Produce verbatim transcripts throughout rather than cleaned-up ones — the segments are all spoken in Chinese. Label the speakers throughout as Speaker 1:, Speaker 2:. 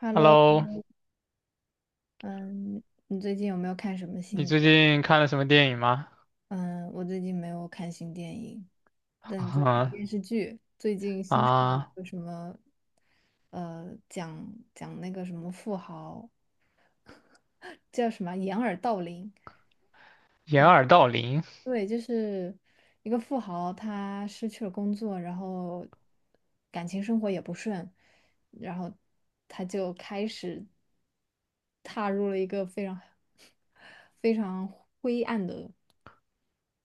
Speaker 1: Hello，
Speaker 2: Hello，
Speaker 1: 嗯，你最近有没有看什么
Speaker 2: 你
Speaker 1: 新电
Speaker 2: 最
Speaker 1: 影？
Speaker 2: 近看了什么电影吗？
Speaker 1: 嗯，我最近没有看新电影，但在看 电视剧。最近新上了一
Speaker 2: 啊，
Speaker 1: 个什么，呃，讲讲那个什么富豪，叫什么掩耳盗铃。
Speaker 2: 掩耳盗铃
Speaker 1: 对，就是一个富豪，他失去了工作，然后感情生活也不顺，然后他就开始踏入了一个非常 非常灰暗的。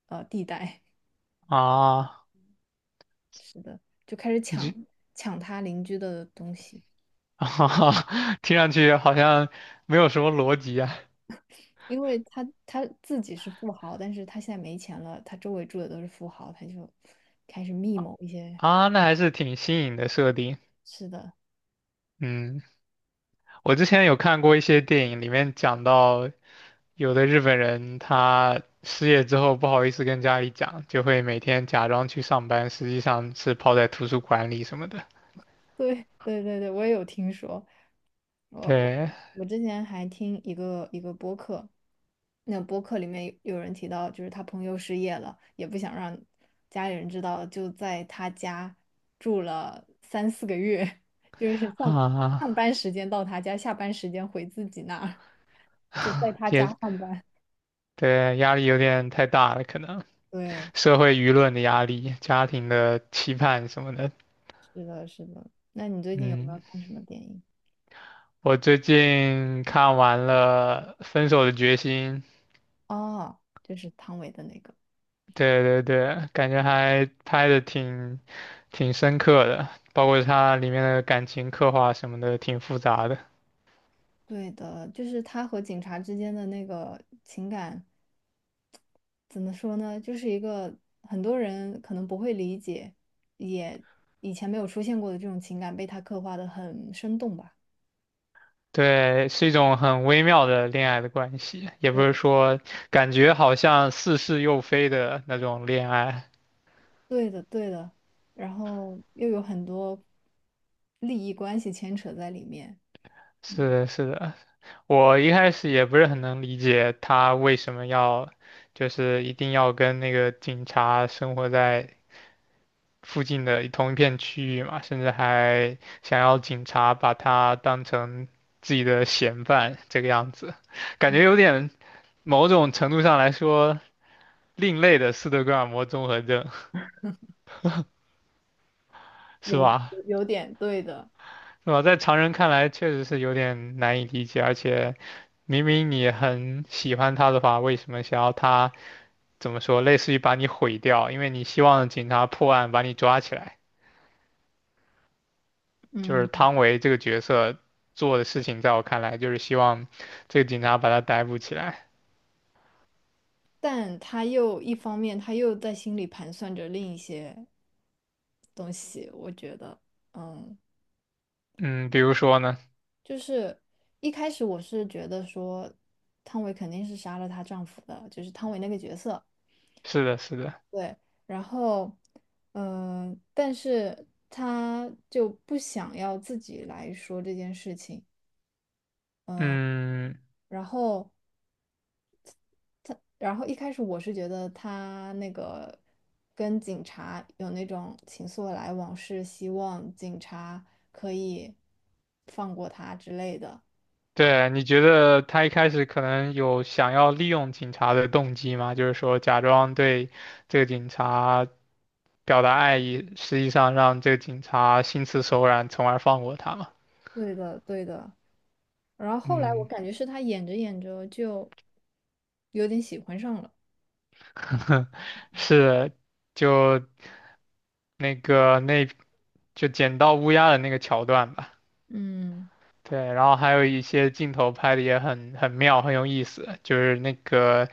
Speaker 1: 呃地带，
Speaker 2: 啊，
Speaker 1: 就开始
Speaker 2: 你
Speaker 1: 抢
Speaker 2: 这
Speaker 1: 抢他邻居的东西，
Speaker 2: 啊听上去好像没有什么逻辑啊。
Speaker 1: 因为他他自己是富豪，但是他现在没钱了，他周围住的都是富豪，他就开始密谋一些，
Speaker 2: 啊，那还是挺新颖的设定。
Speaker 1: 是的，
Speaker 2: 嗯，我之前有看过一些电影，里面讲到有的日本人他失业之后不好意思跟家里讲，就会每天假装去上班，实际上是泡在图书馆里什么的。
Speaker 1: 对对对对，我也有听说，我我
Speaker 2: 对
Speaker 1: 我之前还听一个一个播客，那播客里面有有人提到，就是他朋友失业了，也不想让家里人知道，就在他家住了三四个月，就是 上
Speaker 2: 啊，
Speaker 1: 上班时间到他家，下班时间回自己那儿，就在他
Speaker 2: 也
Speaker 1: 家上班。
Speaker 2: 对，压力有点太大了，可能。
Speaker 1: 对，
Speaker 2: 社会舆论的压力、家庭的期盼什么的。
Speaker 1: 是的，是的。那你最近有没
Speaker 2: 嗯，
Speaker 1: 有看什么电影？
Speaker 2: 我最近看完了《分手的决心》，
Speaker 1: 哦，就是汤唯的那个。
Speaker 2: 对对对，感觉还拍的挺挺深刻的，包括它里面的感情刻画什么的，挺复杂的。
Speaker 1: 对的，就是他和警察之间的那个情感。怎么说呢，就是一个很多人可能不会理解，也以前没有出现过的这种情感被他刻画的很生动吧。
Speaker 2: 对，是一种很微妙的恋爱的关系，也不
Speaker 1: 对，
Speaker 2: 是
Speaker 1: 的，
Speaker 2: 说感觉好像似是又非的那种恋爱。
Speaker 1: 对的，对的，然后又有很多利益关系牵扯在里面，
Speaker 2: 是
Speaker 1: 嗯，
Speaker 2: 的，是的，我一开始也不是很能理解他为什么要，就是一定要跟那个警察生活在附近的一同一片区域嘛，甚至还想要警察把他当成自己的嫌犯这个样子，感觉有点某种程度上来说另类的斯德哥尔摩综合症，是
Speaker 1: 有
Speaker 2: 吧？
Speaker 1: 有点对的，
Speaker 2: 是吧？在常人看来确实是有点难以理解，而且明明你很喜欢他的话，为什么想要他？怎么说，类似于把你毁掉，因为你希望警察破案把你抓起来。就是
Speaker 1: 嗯，
Speaker 2: 汤唯这个角色做的事情，在我看来就是希望这个警察把他逮捕起来。
Speaker 1: 但他又一方面他又在心里盘算着另一些东西，我觉得，嗯。
Speaker 2: 嗯，比如说呢，
Speaker 1: 就是一开始我是觉得说，汤唯肯定是杀了她丈夫的，就是汤唯那个角色。
Speaker 2: 是的，是的，
Speaker 1: 对，然后，嗯、但是她就不想要自己来说这件事情。
Speaker 2: 嗯，
Speaker 1: 然后，然后一开始我是觉得她那个跟警察有那种情愫的来往，是希望警察可以放过她之类的。
Speaker 2: 对，你觉得他一开始可能有想要利用警察的动机吗？就是说假装对这个警察表达爱意，实际上让这个警察心慈手软，从而放过他嘛？
Speaker 1: 对的，对的。然后后来我
Speaker 2: 嗯，
Speaker 1: 感觉是他演着演着就有点喜欢上了，
Speaker 2: 是，就。那个那就捡到乌鸦的那个桥段吧。
Speaker 1: 嗯
Speaker 2: 对，然后还有一些镜头拍的也很很妙，很有意思，就是那个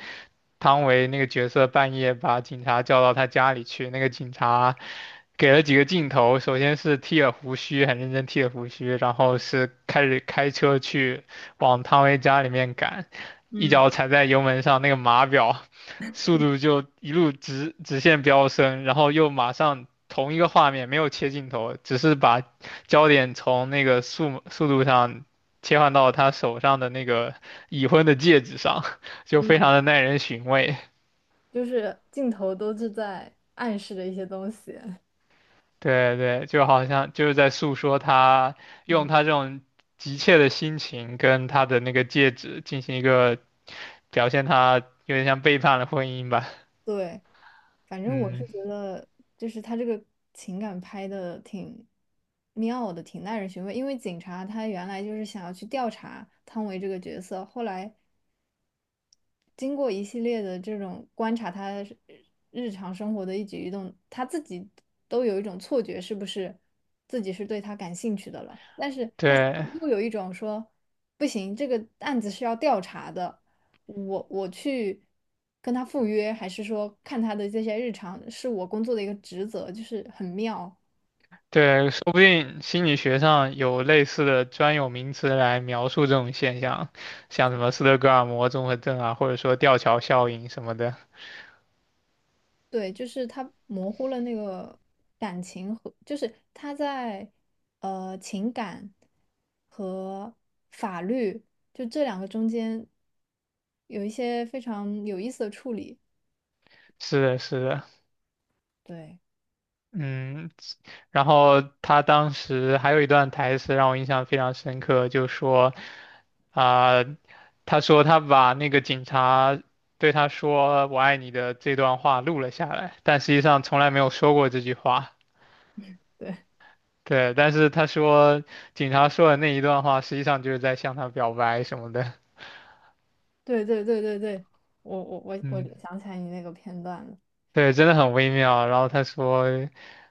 Speaker 2: 汤唯那个角色半夜把警察叫到他家里去，那个警察给了几个镜头，首先是剃了胡须，很认真剃了胡须，然后是开始开车去往汤唯家里面赶，一
Speaker 1: 嗯，
Speaker 2: 脚踩在油门上，那个码表速度就一路直直线飙升，然后又马上同一个画面没有切镜头，只是把焦点从那个速速度上切换到他手上的那个已婚的戒指上，就非常的耐人寻味。
Speaker 1: 就是镜头都是在暗示着一些东西，
Speaker 2: 对对，就好像就是在诉说他用
Speaker 1: 嗯，
Speaker 2: 他这种急切的心情跟他的那个戒指进行一个表现，他有点像背叛了婚姻吧。
Speaker 1: 对，反正我是
Speaker 2: 嗯，
Speaker 1: 觉得就是他这个情感拍的挺妙的，挺耐人寻味，因为警察他原来就是想要去调查汤唯这个角色，后来。经过一系列的这种观察，他是日常生活的一举一动，他自己都有一种错觉，是不是自己是对他感兴趣的了？但是他
Speaker 2: 对
Speaker 1: 又有一种说，不行，这个案子是要调查的，我我去跟他赴约，还是说看他的这些日常，是我工作的一个职责，就是很妙。
Speaker 2: 对，说不定心理学上有类似的专有名词来描述这种现象，像什么斯德哥尔摩综合症啊，或者说吊桥效应什么的。
Speaker 1: 对，就是他模糊了那个感情和，就是他在呃情感和法律就这两个中间有一些非常有意思的处理。
Speaker 2: 是的，是的，
Speaker 1: 对，
Speaker 2: 嗯，然后他当时还有一段台词让我印象非常深刻，就说，啊、他说他把那个警察对他说"我爱你"的这段话录了下来，但实际上从来没有说过这句话。
Speaker 1: 对，
Speaker 2: 对，但是他说警察说的那一段话，实际上就是在向他表白什么的。
Speaker 1: 对，对，对，对，对，我我我我
Speaker 2: 嗯。
Speaker 1: 想起来你那个片段了，
Speaker 2: 对，真的很微妙。然后他说，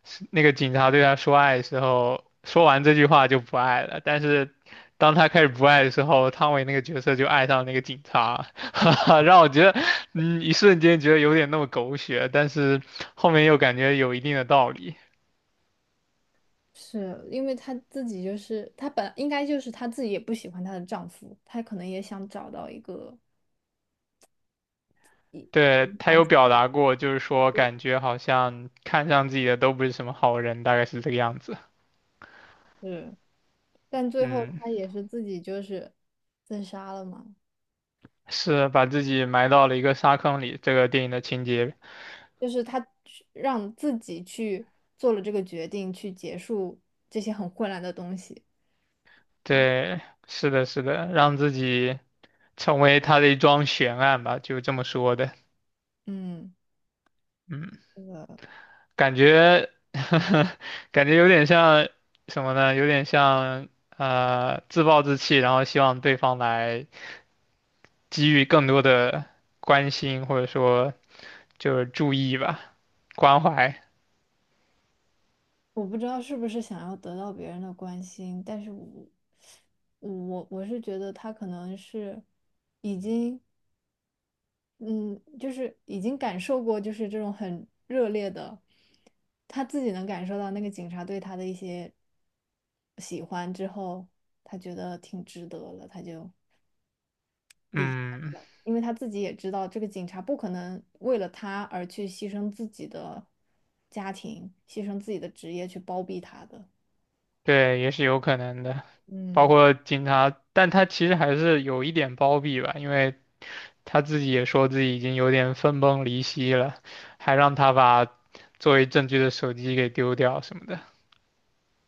Speaker 2: 是那个警察对他说爱的时候，说完这句话就不爱了。但是当他开始不爱的时候，汤唯那个角色就爱上那个警察，让我觉得，嗯，一瞬间觉得有点那么狗血，但是后面又感觉有一定的道理。
Speaker 1: 是因为她自己就是她本应该就是她自己也不喜欢她的丈夫，她可能也想找到一个
Speaker 2: 对，他有表达过，就是说感觉好像看上自己的都不是什么好人，大概是这个样子。
Speaker 1: 是。但最后
Speaker 2: 嗯，
Speaker 1: 他也是自己就是自杀了嘛，
Speaker 2: 是把自己埋到了一个沙坑里，这个电影的情节。
Speaker 1: 就是他去让自己去做了这个决定，去结束这些很混乱的东西。嗯
Speaker 2: 对，是的，是的，让自己成为他的一桩悬案吧，就这么说的。
Speaker 1: 嗯，
Speaker 2: 嗯，感觉，感觉有点像什么呢？有点像呃自暴自弃，然后希望对方来给予更多的关心，或者说就是注意吧，关怀。
Speaker 1: 我不知道是不是想要得到别人的关心，但是我我我是觉得他可能是已经嗯，就是已经感受过，就是这种很热烈的，他自己能感受到那个警察对他的一些喜欢之后，他觉得挺值得了，他就，
Speaker 2: 嗯。
Speaker 1: 因为他自己也知道这个警察不可能为了他而去牺牲自己的家庭，牺牲自己的职业去包庇他的。
Speaker 2: 对，也是有可能的，包
Speaker 1: 嗯，
Speaker 2: 括警察，但他其实还是有一点包庇吧，因为他自己也说自己已经有点分崩离析了，还让他把作为证据的手机给丢掉什么的。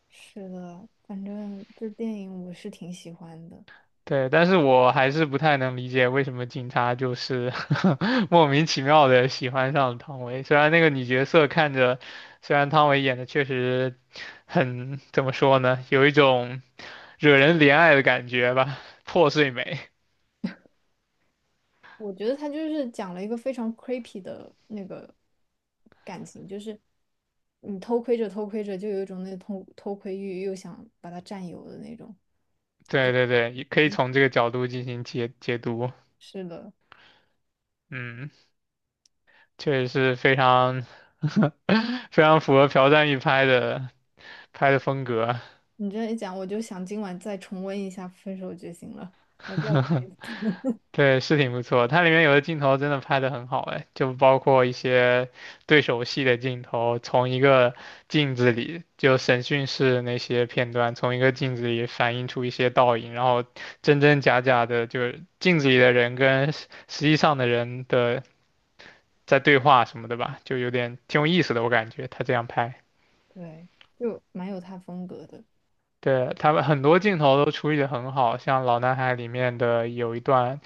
Speaker 1: 是的，反正这电影我是挺喜欢的。
Speaker 2: 对，但是我还是不太能理解为什么警察就是 莫名其妙的喜欢上了汤唯。虽然那个女角色看着，虽然汤唯演的确实很，怎么说呢，有一种惹人怜爱的感觉吧，破碎美。
Speaker 1: 我觉得他就是讲了一个非常 creepy 的那个感情，就是你偷窥着偷窥着，就有一种那偷偷窥欲，又想把他占有的那种。
Speaker 2: 对对对，也可以从这个角度进行解解读。
Speaker 1: 是的，
Speaker 2: 嗯，确实是非常 非常符合朴赞郁拍的拍的风格。
Speaker 1: 你这样一讲，我就想今晚再重温一下《分手决心》了，我再看一次。
Speaker 2: 对，是挺不错。它里面有的镜头真的拍得很好，哎，就包括一些对手戏的镜头，从一个镜子里，就审讯室那些片段，从一个镜子里反映出一些倒影，然后真真假假的，就是镜子里的人跟实实际上的人的在对话什么的吧，就有点挺有意思的，我感觉他这样拍。
Speaker 1: 对，就蛮有他风格的。
Speaker 2: 对，他们很多镜头都处理得很好，像《老男孩》里面的有一段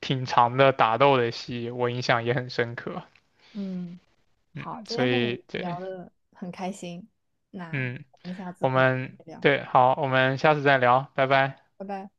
Speaker 2: 挺长的打斗的戏，我印象也很深刻。
Speaker 1: 嗯，好，
Speaker 2: 嗯，
Speaker 1: 今
Speaker 2: 所
Speaker 1: 天和
Speaker 2: 以
Speaker 1: 你
Speaker 2: 对，
Speaker 1: 聊的很开心，那
Speaker 2: 嗯，
Speaker 1: 我们下次
Speaker 2: 我
Speaker 1: 可以再
Speaker 2: 们
Speaker 1: 聊，
Speaker 2: 对，好，我们下次再聊，拜拜。
Speaker 1: 拜拜。